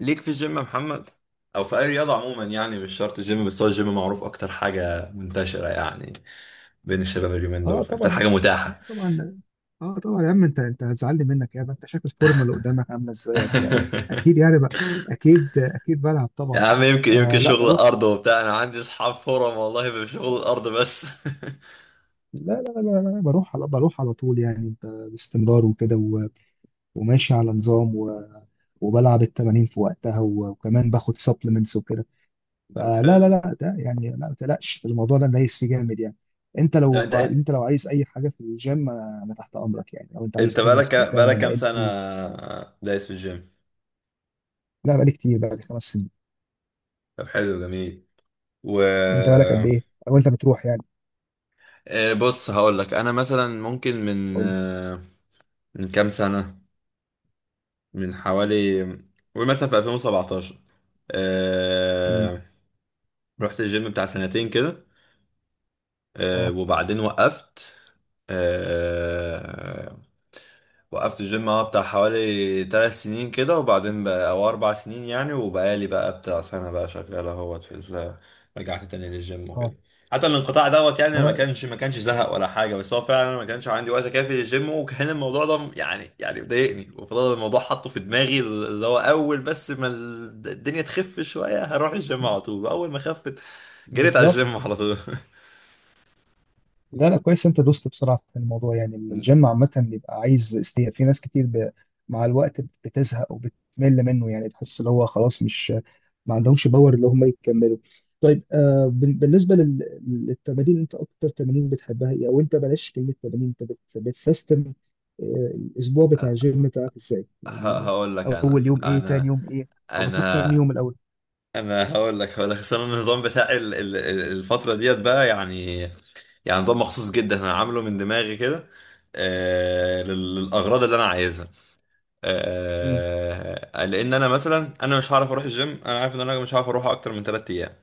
ليك في الجيم يا محمد، او في اي رياضه عموما، يعني مش شرط الجيم، بس هو الجيم معروف اكتر حاجه منتشره يعني بين الشباب اليومين اه دول، اكتر طبعا حاجه اه متاحه. طبعا اه طبعا. يا عم انت هتزعلني منك يا عم، انت شايف الفورمه اللي قدامك عامله ازاي يعني بقى؟ اكيد يعني بقى، اكيد بلعب يا طبعا. عم يمكن آه لا شغل بروح. الارض وبتاع، انا عندي اصحاب فورم والله بشغل الارض بس. لا بروح، بروح على طول يعني، باستمرار وكده وماشي على نظام، و وبلعب التمارين في وقتها، وكمان باخد سبلمنتس وكده. طب فلا لا حلو. لا ده يعني لا، ما تقلقش الموضوع ده، دايس فيه جامد يعني. انت طب لو انت انت انت لو عايز اي حاجه في الجيم، انا تحت امرك يعني، لو انت عايز انت اي بقالك نصيحه بتاع انا بقالك كام سنه بقالي. دايس في الجيم؟ لا بقالي كتير، بقالي 5 سنين. طب حلو جميل. و انت بقالك قد ايه او انت بتروح يعني؟ بص هقول لك، انا مثلا ممكن من قول لي. آه، من كام سنه، من حوالي، قول مثلا في 2017 مم. آه... رحت الجيم بتاع سنتين كده، اه. وبعدين وقفت. آه... وقفت الجيم اه بتاع حوالي تلات سنين كده، وبعدين بقى او اربع سنين يعني، وبقالي بقى بتاع سنة بقى شغال اهوت رجعت تاني للجيم اه. وكده. حتى الانقطاع دوت ما يعني ما هو كانش ما كانش زهق ولا حاجة، بس هو فعلا ما كانش عندي وقت كافي للجيم، وكان الموضوع ده يعني مضايقني، وفضل الموضوع حاطه في دماغي، اللي هو اول بس ما الدنيا تخف شوية هروح الجيم على طول. اول ما خفت جريت على بالظبط. الجيم على طول. لا كويس، انت دوست بسرعه في الموضوع يعني. الجيم عامه بيبقى عايز استياء، في ناس كتير مع الوقت بتزهق وبتمل منه يعني، تحس اللي هو خلاص مش ما عندهمش باور اللي هم يكملوا. طيب، آه، بالنسبه للتمارين، انت اكتر تمارين بتحبها ايه؟ او انت بلاش كلمه تمارين، انت بتسيستم آه الاسبوع بتاع الجيم بتاعك ازاي يعني؟ هقول لك، اول يوم ايه، تاني يوم ايه، او بتروح كام انا يوم الاول؟ انا هقول لك اصل انا النظام بتاعي الفتره ديت بقى، يعني يعني نظام مخصوص جدا، انا عامله من دماغي كده للاغراض اللي انا عايزها، امم. لان انا مثلا، انا مش هعرف اروح الجيم، انا عارف ان انا مش هعرف اروح اكتر من 3 ايام.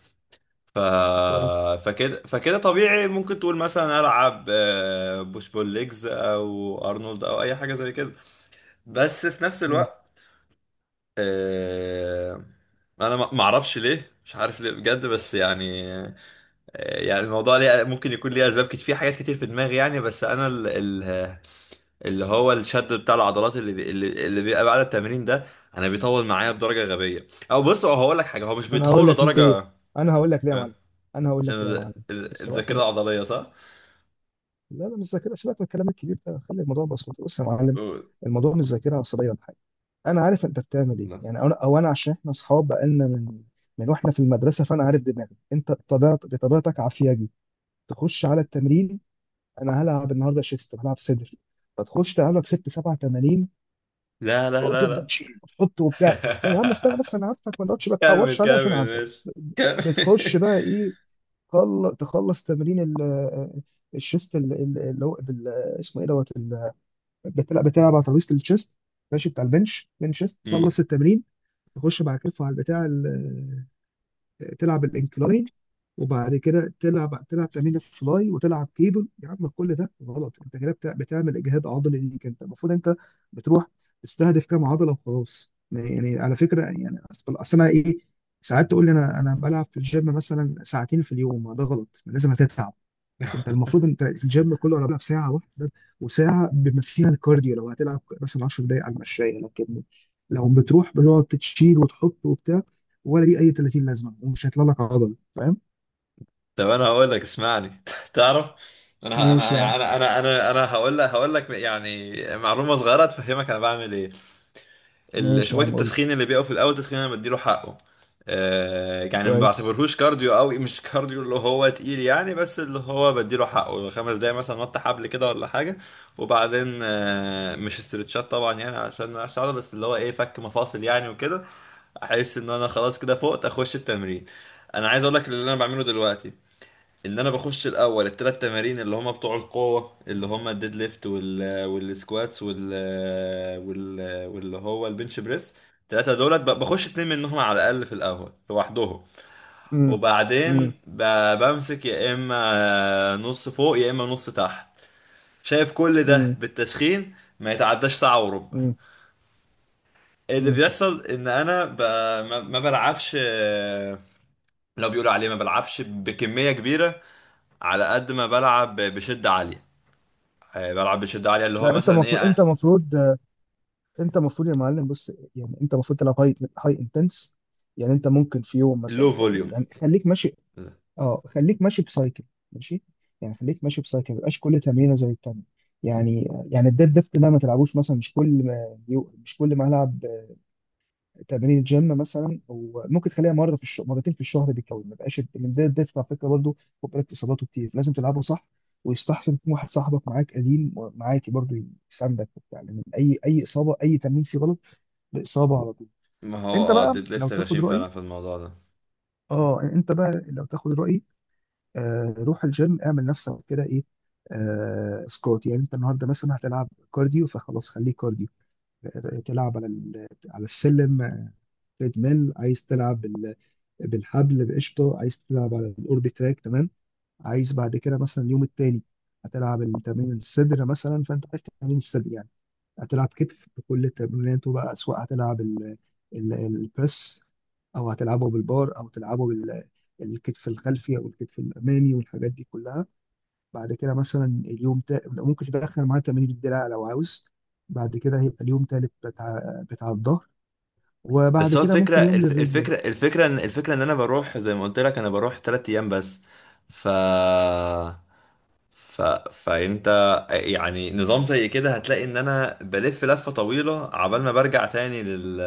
ف... كويس. فكده طبيعي، ممكن تقول مثلا العب بوش بول ليجز او ارنولد او اي حاجه زي كده، بس في نفس الوقت، آه، انا ما اعرفش ليه، مش عارف ليه بجد، بس يعني يعني الموضوع ليه ممكن يكون ليه اسباب كتير، في حاجات كتير في دماغي يعني، بس انا ال ال اللي هو الشد بتاع العضلات اللي بي اللي اللي بيبقى بعد التمرين ده انا بيطول معايا بدرجه غبيه. او بص، هو هقول لك حاجه، هو مش ما انا هقول بيطول لك لدرجه، ليه، انا هقول لك ليه يا آه، معلم، انا هقول عشان لك ليه يا معلم. بص بقى الذاكره خد، العضليه، صح؟ لا مش ذاكره، سيبك من الكلام الكبير ده، خلي الموضوع بسيط. بص يا معلم، قول. الموضوع مش ذاكره عصبيه ولا حاجه. انا عارف انت بتعمل ايه لا، يعني، انا عشان احنا اصحاب بقالنا من واحنا في المدرسه، فانا عارف دماغك انت، بطبيعتك عافياجي تخش على التمرين. انا هلعب النهارده شيست، هلعب صدر، فتخش تلعب لك ست سبع تمارين، لا، لا، لا، وتفضل لا. تشيل وتحط وبتاع. ما يا عم استنى بس، انا عارفك، ما تقعدش ما كمل تحورش عليا، عشان كمل عارفك ماشي، بتخش كمل. بقى ايه. تخلص تمرين الشيست اللي هو اسمه ايه دوت بتلعب على ترابيزه الشيست، ماشي، بتاع البنش، بنش شيست، تخلص التمرين. تخش بعد كده على البتاع تلعب الانكلاين، وبعد كده تلعب تمرين الفلاي، وتلعب كيبل. يا عم كل ده غلط، انت كده بتعمل اجهاد عضلي ليك. انت المفروض انت بتروح تستهدف كام عضله وخلاص يعني، على فكره يعني. أصل انا ايه، ساعات تقول لي انا بلعب في الجيم مثلا 2 ساعة في اليوم، ما ده غلط، لازم هتتعب. انت المفروض انت الجيم كله انا بلعب ساعه واحده، وساعه بما فيها الكارديو، لو هتلعب مثلا 10 دقائق على المشايه. لكن لو بتروح بتقعد تشيل وتحط وبتاع، ولا دي اي 30 لازمه، ومش هيطلع لك عضل، فاهم؟ طب انا هقول لك، اسمعني تعرف انا ماشي يا عم. انا انا انا انا انا هقول لك يعني معلومه صغيره تفهمك انا بعمل ايه. ماشي يا شويه عم، قول لي. التسخين اللي بيقف في الاول، تسخين انا بديله حقه، يعني ما كويس. بعتبرهوش كارديو قوي، مش كارديو اللي هو تقيل يعني، بس اللي هو بديله حقه خمس دقايق مثلا نط حبل كده ولا حاجه. وبعدين مش استرتشات طبعا يعني عشان ما اقعش عضله، بس اللي هو ايه، فك مفاصل يعني وكده. احس ان انا خلاص كده فقت اخش التمرين. انا عايز اقول لك اللي انا بعمله دلوقتي، ان انا بخش الاول الثلاث تمارين اللي هما بتوع القوه، اللي هما الديد ليفت والسكواتس وال واللي هو البنش بريس. الثلاثه دولت بخش اتنين منهم على الاقل في الاول لوحدهم، امم امم وبعدين بمسك يا اما نص فوق يا اما نص تحت. شايف؟ كل ده امم بالتسخين ما يتعداش ساعه وربع. امم اللي امم. بيحصل ان انا ما بلعبش، لو بيقولوا عليه، ما بلعبش بكميه كبيره على قد ما بلعب بشده عاليه. بلعب بشدة عالية، اللي هو لا انت مثلا ايه، مفروض انت مفروض انت مفروض يا معلم، بص يعني، انت المفروض تلعب هاي انتنس. يعني انت ممكن في يوم لو مثلا، او فوليوم. يعني خليك ماشي، اه خليك ماشي بسايكل، ماشي، يعني خليك ماشي بسايكل، ما يبقاش كل تمرينه زي التانيه. يعني يعني الديد ليفت ده ما تلعبوش مثلا، مش كل ما مش كل ما هلعب تمرين جيم مثلا، وممكن تخليها مره في الشهر، مرتين في الشهر بالكوي. ما يبقاش الديد ليفت على فكره برضه، خد بالك اصاباته كتير، لازم تلعبه صح. ويستحسن يكون واحد صاحبك معاك، قديم معاك برضه، يساندك وبتاع، لان اي اصابه، اي تمرين فيه غلط باصابه على طول. ما هو انت اه بقى الديد لو ليفت تاخد غشيم رايي، فعلا في الموضوع ده. اه انت بقى لو تاخد رايي، روح الجيم اعمل نفسك كده ايه، سكوات، يعني انت النهارده مثلا هتلعب كارديو، فخلاص خليه كارديو، تلعب على على السلم، تريدميل، عايز تلعب بالحبل بقشطه، عايز تلعب على الاوربي تراك، تمام. عايز بعد كده مثلا اليوم التاني هتلعب التمرين الصدر مثلا، فانت عارف تمرين الصدر يعني. هتلعب كتف بكل تمريناته بقى، سواء هتلعب البريس، او هتلعبه بالبار، او تلعبه الكتف الخلفي، او الكتف الامامي، والحاجات دي كلها. بعد كده مثلا اليوم ممكن تدخل معاه تمارين الدراع لو عاوز. بعد كده هيبقى اليوم تالت بتاع الظهر، وبعد بس هو كده الفكرة، ممكن يوم للرجل بقى. الفكرة ان انا بروح، زي ما قلت لك، انا بروح تلات ايام بس. ف ف فانت يعني نظام زي كده هتلاقي ان انا بلف لفة طويلة عبال ما برجع تاني لل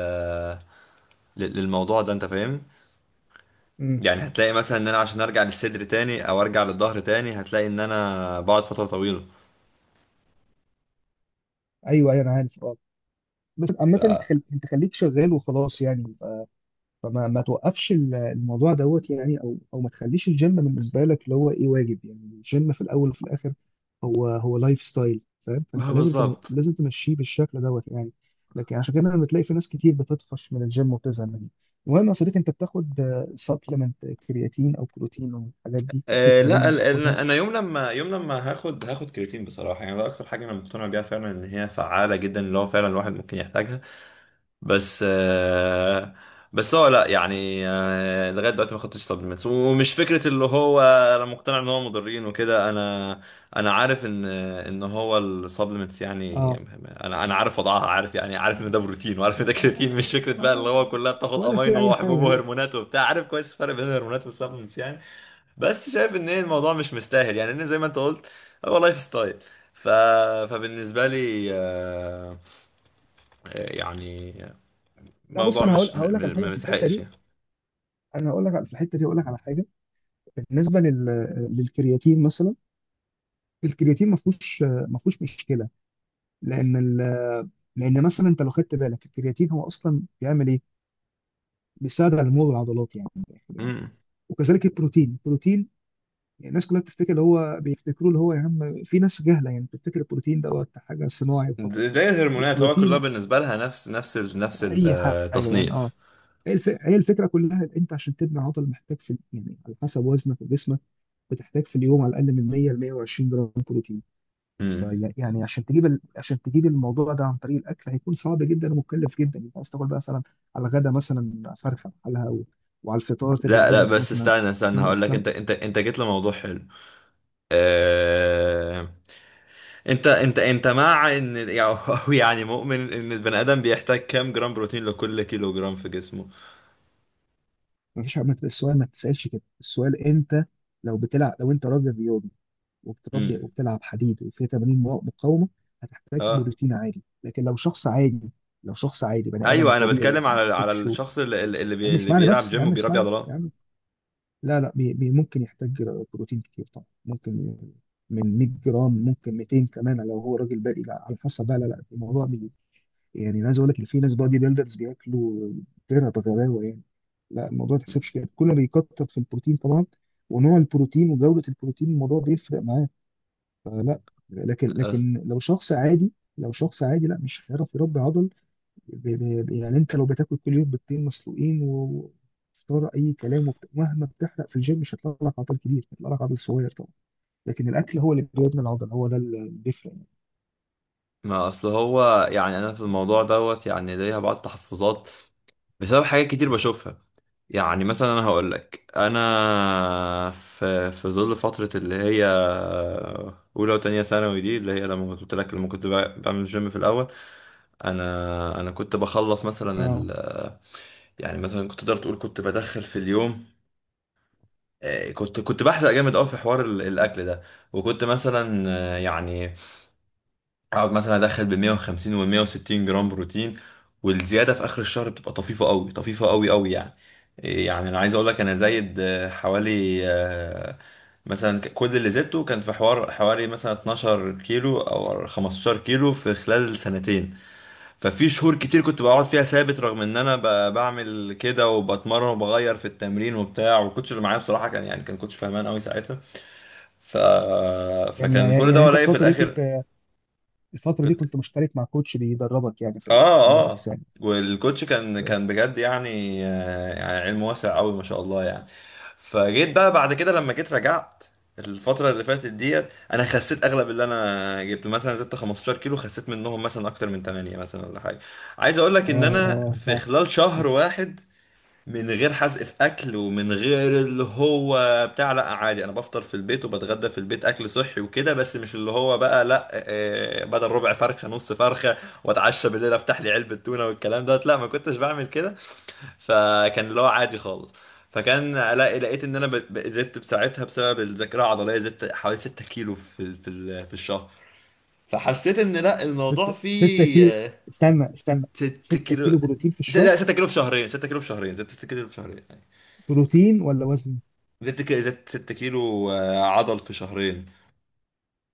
لل- للموضوع ده، انت فاهم؟ امم. يعني هتلاقي مثلا ان انا عشان ارجع للصدر تاني او ارجع للظهر تاني هتلاقي ان انا بقعد فترة طويلة. ايوه انا عارف اه. بس عامة انت ف... انت خليك شغال وخلاص يعني، فما ما توقفش الموضوع دوت يعني، او او ما تخليش الجيم بالنسبه لك اللي هو ايه، واجب يعني. الجيم في الاول وفي الاخر هو هو لايف ستايل، فاهم؟ فانت لازم بالظبط. لازم تمشيه بالشكل دوت يعني. لكن عشان كده لما تلاقي في ناس كتير بتطفش من الجيم وبتزهق منه. المهم يا صديقي، انت بتاخد سبلمنت، كرياتين او بروتين او الحاجات دي، او أه لا سيترولين، بتاخدها؟ انا يوم لما هاخد كرياتين بصراحه يعني، ده اكتر حاجه انا مقتنع بيها فعلا ان هي فعاله جدا، اللي هو فعلا الواحد ممكن يحتاجها، بس أه، بس هو لا يعني أه، لغايه دلوقتي ما خدتش سبلمنتس ومش فكره اللي هو انا مقتنع ان هو مضرين وكده. انا عارف ان هو السبلمنتس يعني، اه. انا عارف وضعها، عارف يعني، عارف ان ده بروتين، وعارف ان ده آه، كرياتين، مش فكره بقى اللي هو ولا كلها بتاخد ولا في امينو اي وحبوب حاجه، لا. وهرمونات وبتاع، عارف كويس الفرق بين الهرمونات والسبلمنتس يعني. بس شايف ان إيه، الموضوع مش مستاهل يعني، إن زي ما انت قلت، هو لايف ستايل. ف... فبالنسبه لي، يعني لا، بص موضوع انا هقول مش هقول لك على حاجه ما في الحته مستحقش دي، يعني. انا هقول لك على، في الحته دي هقول لك على حاجه. بالنسبه للكرياتين مثلا، الكرياتين ما فيهوش مشكله. لان لان مثلا انت لو خدت بالك، الكرياتين هو اصلا بيعمل ايه؟ بيساعد على نمو العضلات يعني، من الاخر يعني. مم. وكذلك البروتين، يعني الناس كلها بتفتكر اللي هو بيفتكروا اللي هو، يا عم في ناس جهله يعني، بتفتكر البروتين دوت حاجه صناعي فقط. زي الهرمونات، هو البروتين كلها بالنسبه لها نفس نفس اي حاجه يعني، اه. التصنيف. هي الفكره كلها، إن انت عشان تبني عضل محتاج في يعني، على حسب وزنك وجسمك، بتحتاج في اليوم على الاقل من 100 ل 120 جرام بروتين. مم. يعني عشان تجيب عشان تجيب الموضوع ده عن طريق الاكل، هيكون صعب جدا ومكلف جدا. انت عايز تاكل بقى مثلا على الغدا مثلا فرخه بحالها، وعلى الفطار لا لا، تدبلك بس مثلا استنى استنى، هقول خمس لك، انت جيت لموضوع حلو. آه... انت مع ان يعني أو يعني، مؤمن ان البني ادم بيحتاج كام جرام بروتين لكل كيلو جرام في جسمه؟ ما فيش ما- السؤال ما تسالش كده، السؤال انت لو بتلعب، لو انت راجل رياضي، وبتربي امم. وبتلعب حديد، وفيه تمارين مقاومه، هتحتاج اه، بروتين عادي. لكن لو شخص عادي، لو شخص عادي بني ادم ايوه، انا طبيعي، بتكلم ما على بيكرش و، الشخص يا بي... عم اللي اسمعني بيلعب بس، يا جيم عم وبيربي اسمعني، عضلات. لا بي ممكن يحتاج بروتين كتير طبعا، ممكن من 100 جرام، ممكن 200 كمان لو هو راجل بادئ. لا على حسب بقى، لا الموضوع بي، يعني انا عايز اقول لك ان في ناس بادي بيلدرز بياكلوا ترى بغباوه يعني. لا الموضوع ما تحسبش كده، كل ما بيكتر في البروتين طبعا، ونوع البروتين، وجوده البروتين، الموضوع بيفرق معاه. فلا، لكن أص- لو شخص عادي، لو شخص عادي لا مش هيعرف يربي عضل. ب- يعني انت لو بتاكل كل يوم بيضتين مسلوقين وفطار اي كلام، مهما بتحرق في الجيم مش هيطلع لك عضل كبير، هيطلع لك عضل صغير طبعا. لكن الاكل هو اللي بيبني العضل، هو ده اللي بيفرق يعني. ما اصل هو يعني، انا في الموضوع دوت يعني ليها بعض التحفظات بسبب حاجات كتير بشوفها. يعني مثلا انا هقول لك، انا في ظل فتره اللي هي اولى وتانية ثانوي دي، اللي هي لما كنت قلت لك، لما كنت بعمل جيم في الاول، انا كنت بخلص مثلا اه. يعني مثلا، كنت تقدر تقول كنت بدخل في اليوم، كنت بحزق جامد قوي في حوار الاكل ده، وكنت مثلا، يعني اقعد مثلا ادخل ب 150 و 160 جرام بروتين، والزياده في اخر الشهر بتبقى طفيفه قوي، طفيفه قوي قوي يعني. يعني انا عايز اقول لك، انا زايد حوالي، مثلا كل اللي زدته كان في حوار حوالي مثلا 12 كيلو او 15 كيلو في خلال سنتين. ففي شهور كتير كنت بقعد فيها ثابت، رغم ان انا بعمل كده وبتمرن وبغير في التمرين وبتاع، والكوتش اللي معايا بصراحه كان يعني، كان كوتش فهمان قوي ساعتها. ف... يعني فكان كل ده، يعني انت ولاقي في في الفتره دي الاخر. كنت، الفتره دي كنت مشترك مع كوتش بيدربك يعني في كمال اه اه. الاجسام؟ والكوتش كان كويس. بجد يعني، يعني علم واسع قوي ما شاء الله يعني. فجيت بقى بعد كده، لما جيت رجعت الفترة اللي فاتت ديت، انا خسيت اغلب اللي انا جبته، مثلا زدت 15 كيلو خسيت منهم مثلا اكتر من 8، مثلا ولا حاجة. عايز اقول لك اه ان انا اه في صح. خلال شهر واحد، من غير حزق في اكل، ومن غير اللي هو بتاع، لا عادي، انا بفطر في البيت وبتغدى في البيت اكل صحي وكده، بس مش اللي هو بقى لا، بدل ربع فرخه نص فرخه، واتعشى بالليل افتح لي علبه تونه والكلام دوت، لا ما كنتش بعمل كده، فكان اللي هو عادي خالص. فكان لقيت ان انا زدت بساعتها بسبب الذاكره العضليه، زدت حوالي 6 كيلو في الشهر. فحسيت ان لا، الموضوع ستة كيلو، فيه. استنى استنى، 6 ستة كيلو، كيلو بروتين في الشهر؟ لا 6 كيلو في شهرين، 6 كيلو في شهرين، زدت 6 كيلو في شهرين يعني. بروتين ولا وزن؟ زدت زدت 6 كيلو، عضل في شهرين.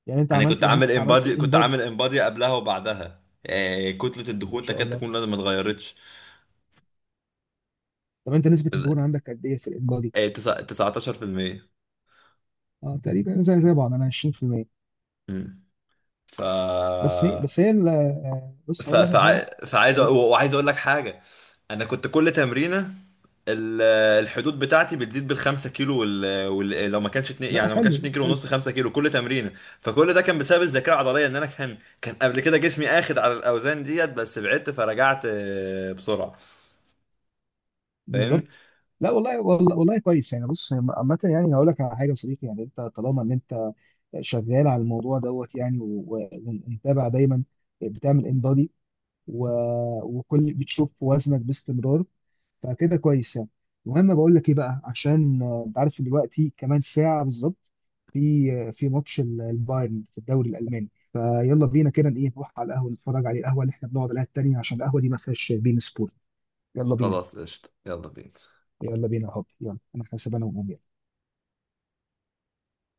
انا كنت يعني انت عامل عملت امبادي، الان كنت بادي. عامل امبادي قبلها وبعدها، كتلة ما الدهون شاء تكاد الله، تكون لا، ما اتغيرتش. طب انت نسبة الدهون عندك قد ايه في الان؟ 19%. اه تقريبا زي بعض، انا 20%. امم. ف بس هي بس هي ال- آه، بص هقول لك على حاجه. فعايز الم- وعايز اقول لك حاجه. انا كنت كل تمرينه ال- الحدود بتاعتي بتزيد بالخمسة كيلو، لو ما كانش اتنين لا يعني، لو ما كانش حلو اتنين كيلو حلو. ونص، خمسة كيلو كل تمرينة. فكل ده كان بسبب الذاكرة العضلية، ان انا كان قبل كده جسمي اخد على الاوزان ديت، بس بعدت فرجعت، بسرعة. فاهمني. بالظبط. لا والله والله والله كويس يعني. بص عامة يعني هقول لك على حاجة يا صديقي، يعني انت طالما ان انت شغال على الموضوع دوت يعني ومتابع دايما، بتعمل انبادي، وكل، بتشوف وزنك باستمرار، فكده كويس يعني. المهم بقول لك ايه بقى، عشان انت عارف دلوقتي كمان ساعه بالظبط في في ماتش البايرن في الدوري الالماني، فيلا بينا كده ايه نروح على القهوه نتفرج عليه، القهوه اللي احنا بنقعد عليها التانيه، عشان القهوه دي ما فيهاش بين سبورت. يلا بينا. خلاص قشطة، يلا بينا. يا حبيبي يلا، انا حاسب انا وأمي.